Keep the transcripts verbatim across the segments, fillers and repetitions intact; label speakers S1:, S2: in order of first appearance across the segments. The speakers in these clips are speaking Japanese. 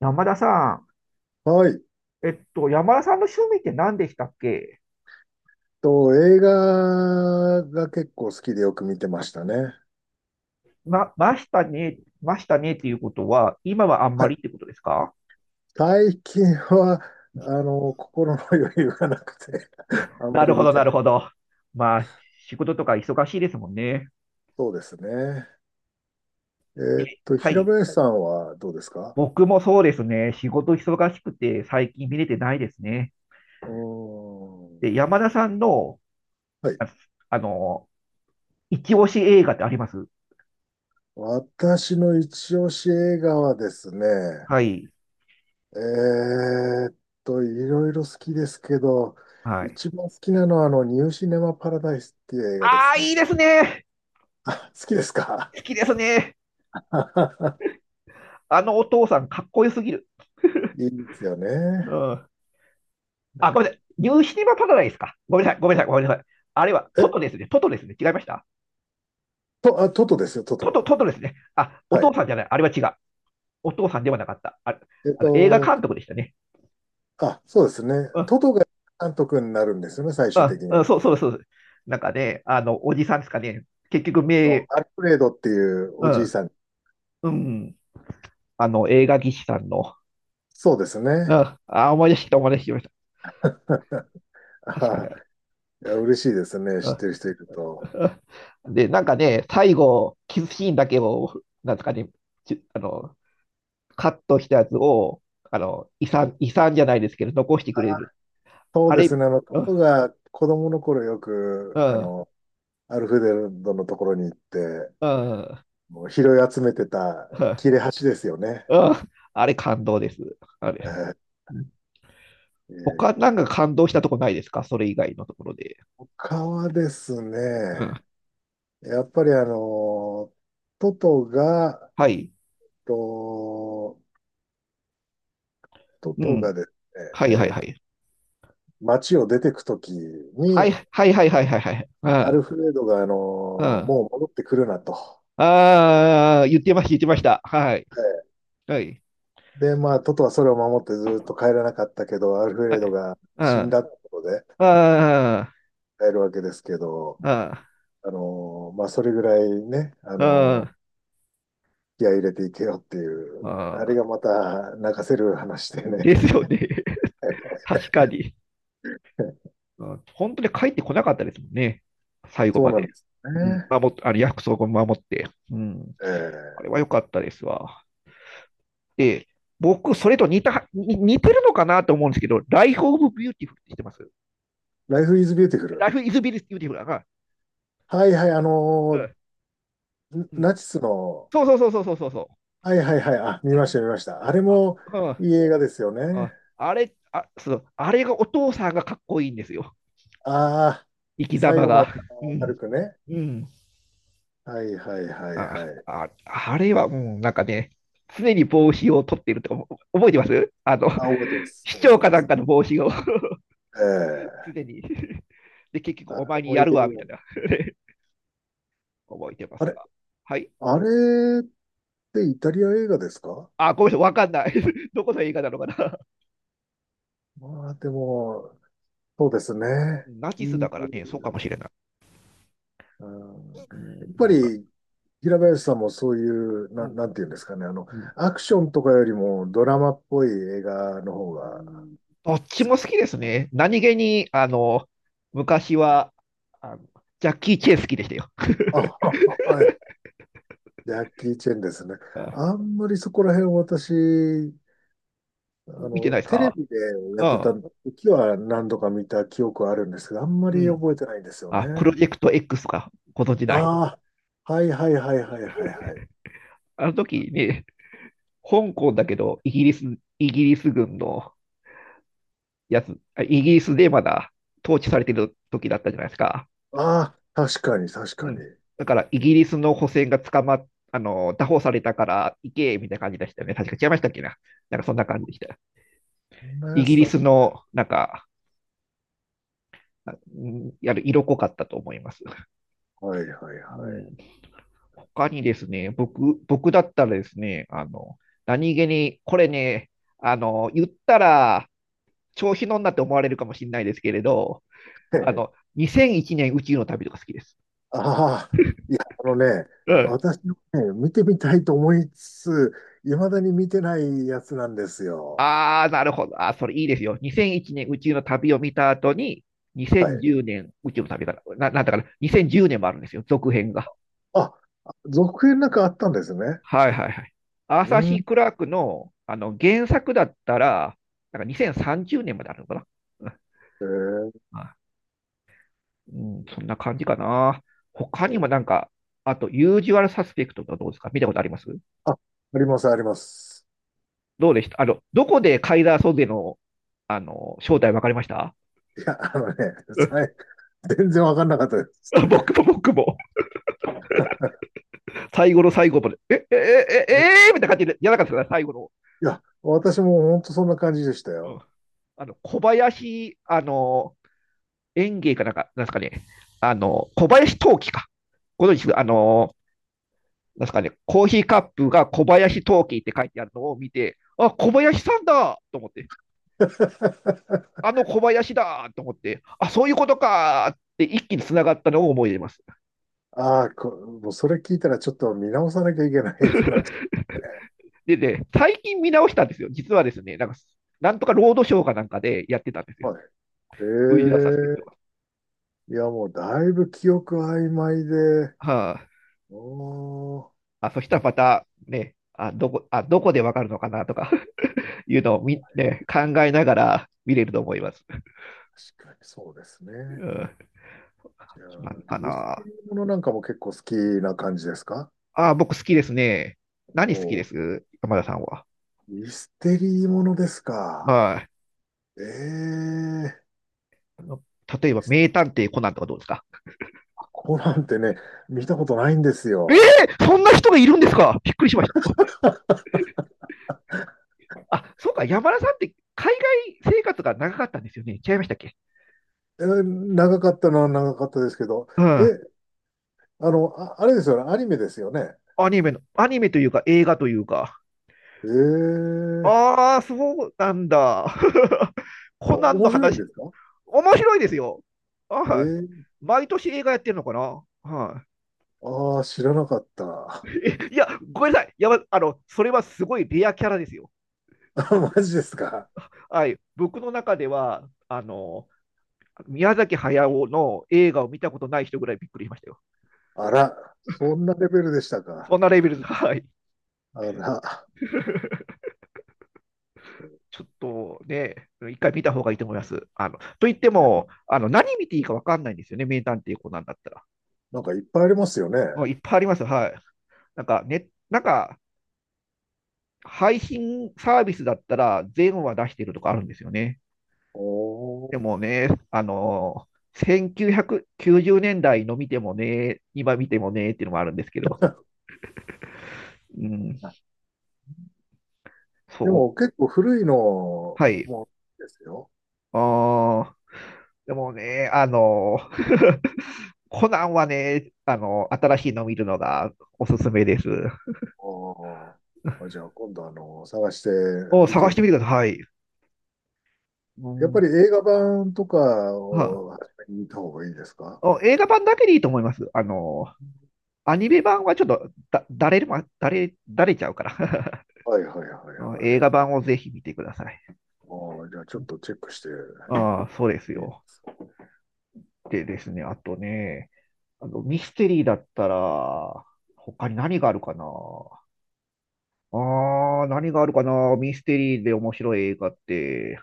S1: 山田さ
S2: はい。
S1: ん、えっと、山田さんの趣味って何でしたっけ？
S2: と、映画が結構好きでよく見てましたね。
S1: ま、ましたね、ましたねっていうことは、今はあんま
S2: は
S1: り
S2: い。
S1: ってことですか？
S2: 最近は、あの、心の余裕がなくて あん
S1: な
S2: まり
S1: るほ
S2: 見
S1: ど、
S2: て
S1: なる
S2: ない。
S1: ほど。まあ、仕事とか忙しいですもんね。
S2: そうですね。え
S1: え、
S2: ーっと、
S1: は
S2: 平
S1: い。
S2: 林さんはどうですか？
S1: 僕もそうですね。仕事忙しくて、最近見れてないですね。
S2: うーん。
S1: で、山田さんの、
S2: はい。
S1: あ、あの、一押し映画ってあります
S2: 私の一押し映画はですね、
S1: はい。
S2: えーっと、いろいろ好きですけど、
S1: はい。
S2: 一番好きなのは、あの、ニューシネマパラダイスっていう映画で
S1: あ
S2: す。
S1: あ、いいですね。
S2: あ、好きですか？
S1: 好きですね。あのお父さん、かっこよすぎる。
S2: いいですよ
S1: う
S2: ね。
S1: ん。
S2: なん
S1: あ、ごめん
S2: か、
S1: なさい。ニューシネマパラダイスか。ごめんなさい、ごめんなさい、ごめんなさい。あれはトト
S2: え、
S1: ですね。トトですね。違いました
S2: と、あ、トトですよ、ト
S1: トト、トト
S2: ト。
S1: ですね。あ、お
S2: は
S1: 父
S2: い。
S1: さんじゃない。あれは違う。お父さんではなかった。あれ、
S2: えっ
S1: あの映画
S2: と、
S1: 監督でしたね。
S2: あ、そうですね。
S1: うん、
S2: トトが監督になるんですよね、最
S1: う
S2: 終的
S1: ん、
S2: には。
S1: うん、そうそうそう。なんかね、あの、おじさんですかね。結局、
S2: あの
S1: 名、
S2: アルフレードっていう
S1: う
S2: おじい
S1: ん、
S2: さん。
S1: うん、あの、映画技師さんの、
S2: そうです
S1: う
S2: ね。
S1: ん、あ、思い出してきた、思い出してきました。確かに
S2: あー
S1: あれ。
S2: いや、嬉しいですね、知っ
S1: う
S2: てる人いると。
S1: ん。で、なんかね、最後、キスシーンだけを、なんですかね、ちあの、カットしたやつを、あの、遺産、遺産じゃないですけど、残してくれ
S2: あ、
S1: る。
S2: そう
S1: あ
S2: で
S1: れ、
S2: すね、あの、ト
S1: うん、
S2: トが子供の頃よ
S1: う
S2: く、あ
S1: ん、
S2: の、アルフレードのところに行って、
S1: うん、
S2: もう拾い集めてた切れ端ですよね。
S1: うん、あれ感動です。あ
S2: え
S1: れ。
S2: ー、
S1: うん。
S2: え
S1: 他
S2: ー、
S1: なんか感動したとこないですか？それ以外のところで。
S2: 他はです
S1: う
S2: ね、
S1: ん、
S2: やっぱりあの、トトが、
S1: はい。
S2: と、ト
S1: う
S2: ト
S1: ん。
S2: がです
S1: はいはい
S2: ね、え
S1: は
S2: ー
S1: い。
S2: 街を出てくとき
S1: はい
S2: に、
S1: はいはいはいはい
S2: ア
S1: は
S2: ル
S1: い。
S2: フレードがあの、
S1: うん。うん。
S2: もう戻ってくるなと。は
S1: ああ、言ってました、言ってました。はい。
S2: い。
S1: はい。
S2: で、まあ、トトはそれを守ってずっと帰らなかったけど、アルフ
S1: は
S2: レード
S1: い。
S2: が
S1: うん。
S2: 死ん
S1: あ
S2: だってことで
S1: あ、
S2: 帰るわけですけど、
S1: あ
S2: あの、まあ、それぐらいね、あの、
S1: あ、
S2: 気合い入れていけよっていう、あ
S1: あ
S2: れ
S1: あ、
S2: がまた泣かせる話でね。
S1: ですよね。確かに。うん、本当に帰ってこなかったですもんね。最後
S2: そう
S1: ま
S2: なん
S1: で。
S2: ですよ
S1: うん、
S2: ね。
S1: 守っあの約束を守って。うん、あ
S2: ええ。
S1: れは良かったですわ。で、僕、それと似た、に似てるのかなと思うんですけど、Life of Beautiful って知ってます
S2: ライフイズビューティフル。
S1: ?Life is Beautiful だな。
S2: はいはい、あの
S1: うん。
S2: ー
S1: うん。
S2: ナチスの、
S1: そうそうそうそうそうそう。
S2: はいはいはい、あ、見ました見ました。あ
S1: あ、
S2: れ
S1: あ、
S2: もいい映画ですよ
S1: うん。
S2: ね。
S1: ああれ、あ、そう、あれがお父さんがかっこいいんですよ。
S2: ああ、
S1: 生き
S2: 最
S1: 様
S2: 後まで
S1: が。
S2: あ
S1: う
S2: の明る
S1: ん。
S2: くね。
S1: うん。
S2: はいはいはいは
S1: あ、
S2: い。
S1: あ、あれはもうなんかね、常に帽子を取っていると思、覚えてます、あの、
S2: あ、覚えてま す。
S1: 市
S2: 覚えて
S1: 長か
S2: ま
S1: なん
S2: す。
S1: かの帽子を、
S2: ええ。
S1: 常に、で、結局
S2: あ
S1: お
S2: れ
S1: 前に
S2: もいい
S1: や
S2: 映
S1: るわ、みたい
S2: 画。
S1: な。 覚えてま
S2: あ
S1: す
S2: れ、
S1: わ。はい。
S2: あれってイタリア映画ですか？
S1: あ、ごめんなさい、わかんない。どこの映画なのかな。
S2: まあでも、そうですね。
S1: ナ
S2: い
S1: チスだ
S2: い。
S1: からね、そうかもしれない。
S2: うん。
S1: う
S2: やっ
S1: ん、
S2: ぱ
S1: なんか、
S2: り、平林さんもそういう、
S1: う
S2: な、
S1: ん、
S2: なんていうんですかね、あの、
S1: うん、
S2: アクションとかよりもドラマっぽい映画の方
S1: う
S2: が、
S1: ん。どっちも好きですね。何気に、あの、昔は、あの、ジャッキー・チェン好きでしたよ。
S2: あ、はい、ジャッキー・チェンですね。
S1: あ、
S2: あんまりそこら辺私、あ
S1: 見て
S2: の、
S1: ないです
S2: テレ
S1: か？
S2: ビでや
S1: う
S2: って
S1: ん。
S2: た時は何度か見た記憶はあるんですけど、あんま
S1: う
S2: り
S1: ん、
S2: 覚えてないんですよね。
S1: あ、プロジェクト X か、ご存じない
S2: ああ、はいはいはいはいはいはい。
S1: あの時ね、香港だけど、イギリス、イギリス軍のやつ、あ、イギリスでまだ統治されてる時だったじゃないですか。
S2: ああ、確かに確
S1: う
S2: かに。
S1: ん。だから、イギリスの補選が捕まっ、あの、拿捕されたから行け、みたいな感じでしたよね。確か違いましたっけな。なんかそんな感じでした。
S2: そんな
S1: イ
S2: や
S1: ギ
S2: つ
S1: リ
S2: だっ
S1: ス
S2: た。
S1: の、なんか、あうんやる色濃かったと思います。
S2: はいはい
S1: う
S2: はい。
S1: ん。他にですね、僕、僕だったらですね、あの、何気に、これね、あの、言ったら、調子乗んなって思われるかもしれないですけれど、あの、にせんいちねん宇宙の旅とか好きです。
S2: ああ、いや、あのね、
S1: うん。
S2: 私もね、見てみたいと思いつつ、いまだに見てないやつなんですよ。
S1: ああ、なるほど。あー、それいいですよ。にせんいちねん宇宙の旅を見た後に、
S2: はい。
S1: にせんじゅうねん宇宙の旅から、な、なんだから、にせんじゅうねんもあるんですよ、続編が。
S2: あ、続編なんかあったんですね。
S1: はいはいはい。アー
S2: う
S1: サー・シ
S2: ん。
S1: ー・クラークの、あの原作だったら、なんかにせんさんじゅうねんまであるのかな。うん、
S2: えー、
S1: うん、そんな感じかな。他にもなんか、あと、ユージュアルサスペクトとかどうですか？見たことあります
S2: あ、あります、あります。
S1: どうでしたあの、どこでカイザー・ソゼの、あの、正体分かりました
S2: いや、あのね、
S1: うん。
S2: さい、全然わかんなかったです。
S1: 僕も僕も、最後の最後まで、え、え、え、え、えー、みたいな感じで、やらなかったですね、最後の。
S2: いや、私も本当そんな感じでした
S1: うん、
S2: よ。
S1: あの、小林、あの、園芸かなんか、なんですかね、あの、小林陶器か。ご存知ですあの、なんですかね、コーヒーカップが小林陶器って書いてあるのを見て、あ、小林さんだと思って。あ の小林だと思って、あ、そういうことかって一気に繋がったのを思い出ます。
S2: ああ、こ、もうそれ聞いたらちょっと見直さなきゃいけないかなって。ね。
S1: でね、最近見直したんですよ。実はですね、なんか、なんとかロードショーかなんかでやってたんですよ。
S2: は
S1: 冬はサスペクト
S2: い。ええ。
S1: が。
S2: いや、もうだいぶ記憶曖昧で、
S1: は
S2: おー、
S1: あ、あ、そしたらまたね、あ、どこ、あ、どこでわかるのかなとか いうのをみ、ね、考えながら見れると思います。
S2: 確かにそうですね。
S1: うん、
S2: じゃあ、
S1: 何か
S2: ミステ
S1: な。
S2: リーものなんかも結構好きな感じですか？
S1: あ、僕好きですね。何好き
S2: お
S1: で
S2: ー、
S1: す山田さんは。
S2: ミステリーものですか。
S1: はい。
S2: ええ。
S1: あ、例えば、名探偵コナンとかどうですか？
S2: コナンってね、見たことないんです
S1: え
S2: よ。
S1: ー、そんな人がいるんですか？びっくりしました。あ、そうか、山田さんって海外生活が長かったんですよね。違いましたっけ？
S2: えー、長かったのは長かったですけど、
S1: うん。
S2: え、あの、あ、あれですよね、アニメですよね。
S1: アニメの、アニメというか映画というか。
S2: ええ。
S1: ああ、そうなんだ。コナ
S2: お、
S1: ンの
S2: 面白いんで
S1: 話、
S2: すか？
S1: 面白いですよ。
S2: え
S1: はい。
S2: え。
S1: 毎年映画やってるのかな？は
S2: ああー、知らなかっ
S1: い。
S2: た。
S1: えいや、ごめんなさい。やば、あの、それはすごいレアキャラですよ。
S2: マジですか。
S1: はい。僕の中では、あの、宮崎駿の映画を見たことない人ぐらいびっくりしましたよ。
S2: あら、そんなレベルでしたか。
S1: そんなレベルです。はい。
S2: あら、
S1: ちょっとね、一回見た方がいいと思います。あのと言っても、あの何見ていいか分かんないんですよね、名探偵コナンだったら。
S2: なんかいっぱいありますよね。
S1: もういっぱいありますよ、はい。なんか、ね、なんか配信サービスだったら、全話出してるとかあるんですよね。
S2: おー。
S1: でもね、あのせんきゅうひゃくきゅうじゅうねんだいの見てもね、今見てもねっていうのもあるんですけど、うん、
S2: で
S1: そ
S2: も
S1: う、
S2: 結構古いの
S1: はい。
S2: もですよ。
S1: あー、でもね、あのーコナンはね、あの、新しいの見るのがおすすめです。
S2: おー、あ、じゃあ今度あの、探して
S1: を
S2: み
S1: 探し
S2: て、
S1: てみてください。う
S2: やっぱ
S1: ん。
S2: り映画版とか
S1: は
S2: を初めに見た方がいいですか？
S1: お、映画版だけでいいと思います。あの、アニメ版はちょっとだ、だれるま、だれ、だれちゃうから。
S2: はいはいは い
S1: うん、
S2: は
S1: 映
S2: い。
S1: 画版をぜひ見てください。
S2: ああ、じゃあちょっとチェックして。
S1: ああ、そうです
S2: で、
S1: よ。でですね、あとね、あの、ミステリーだったら、他に何があるかな。ああ、何があるかな、ミステリーで面白い映画って。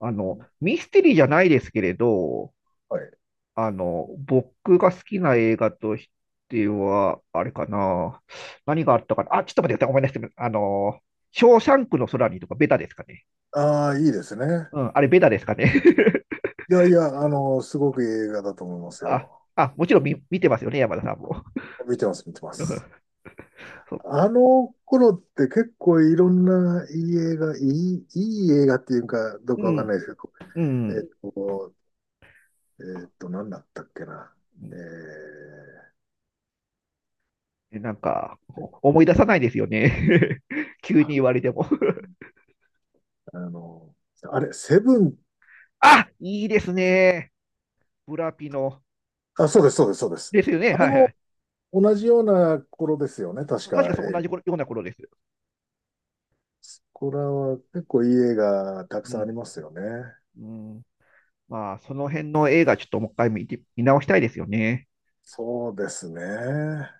S1: あの、ミステリーじゃないですけれど、
S2: はい。
S1: あの、僕が好きな映画としては、あれかな。何があったかな。あ、ちょっと待ってください。ごめんなさい。あの、ショーシャンクの空にとかベタですかね。
S2: ああ、いいですね。
S1: うん、あれベタですかね。
S2: いやいや、あの、すごくいい映画だと思います
S1: あ、
S2: よ。
S1: あ、もちろん見、見てますよね、山田さんも。
S2: 見てます、見てます。
S1: そっ
S2: あ
S1: か。
S2: の頃って結構いろんないい映画、いい、いい映画っていうかどうか
S1: う
S2: わかんな
S1: ん、
S2: いですけど、
S1: う
S2: え
S1: ん。
S2: っと、えっと、何だったっけな。えー、
S1: なんか、お、思い出さないですよね。急に言われても。
S2: あの、あれ、セブン、
S1: あ、いいですね。ブラピの。
S2: あ、そうです、そうです、そうです。
S1: ですよね。
S2: あれ
S1: はいは
S2: も
S1: い。う
S2: 同じような頃ですよね、確
S1: ん、確
S2: か。
S1: かそう
S2: え
S1: 同
S2: ー、
S1: じ頃ような頃です。
S2: これは結構いい映画たく
S1: う
S2: さんあ
S1: ん。
S2: りますよね。
S1: うん、まあ、その辺の映画、ちょっともう一回見て、見直したいですよね。
S2: そうですね。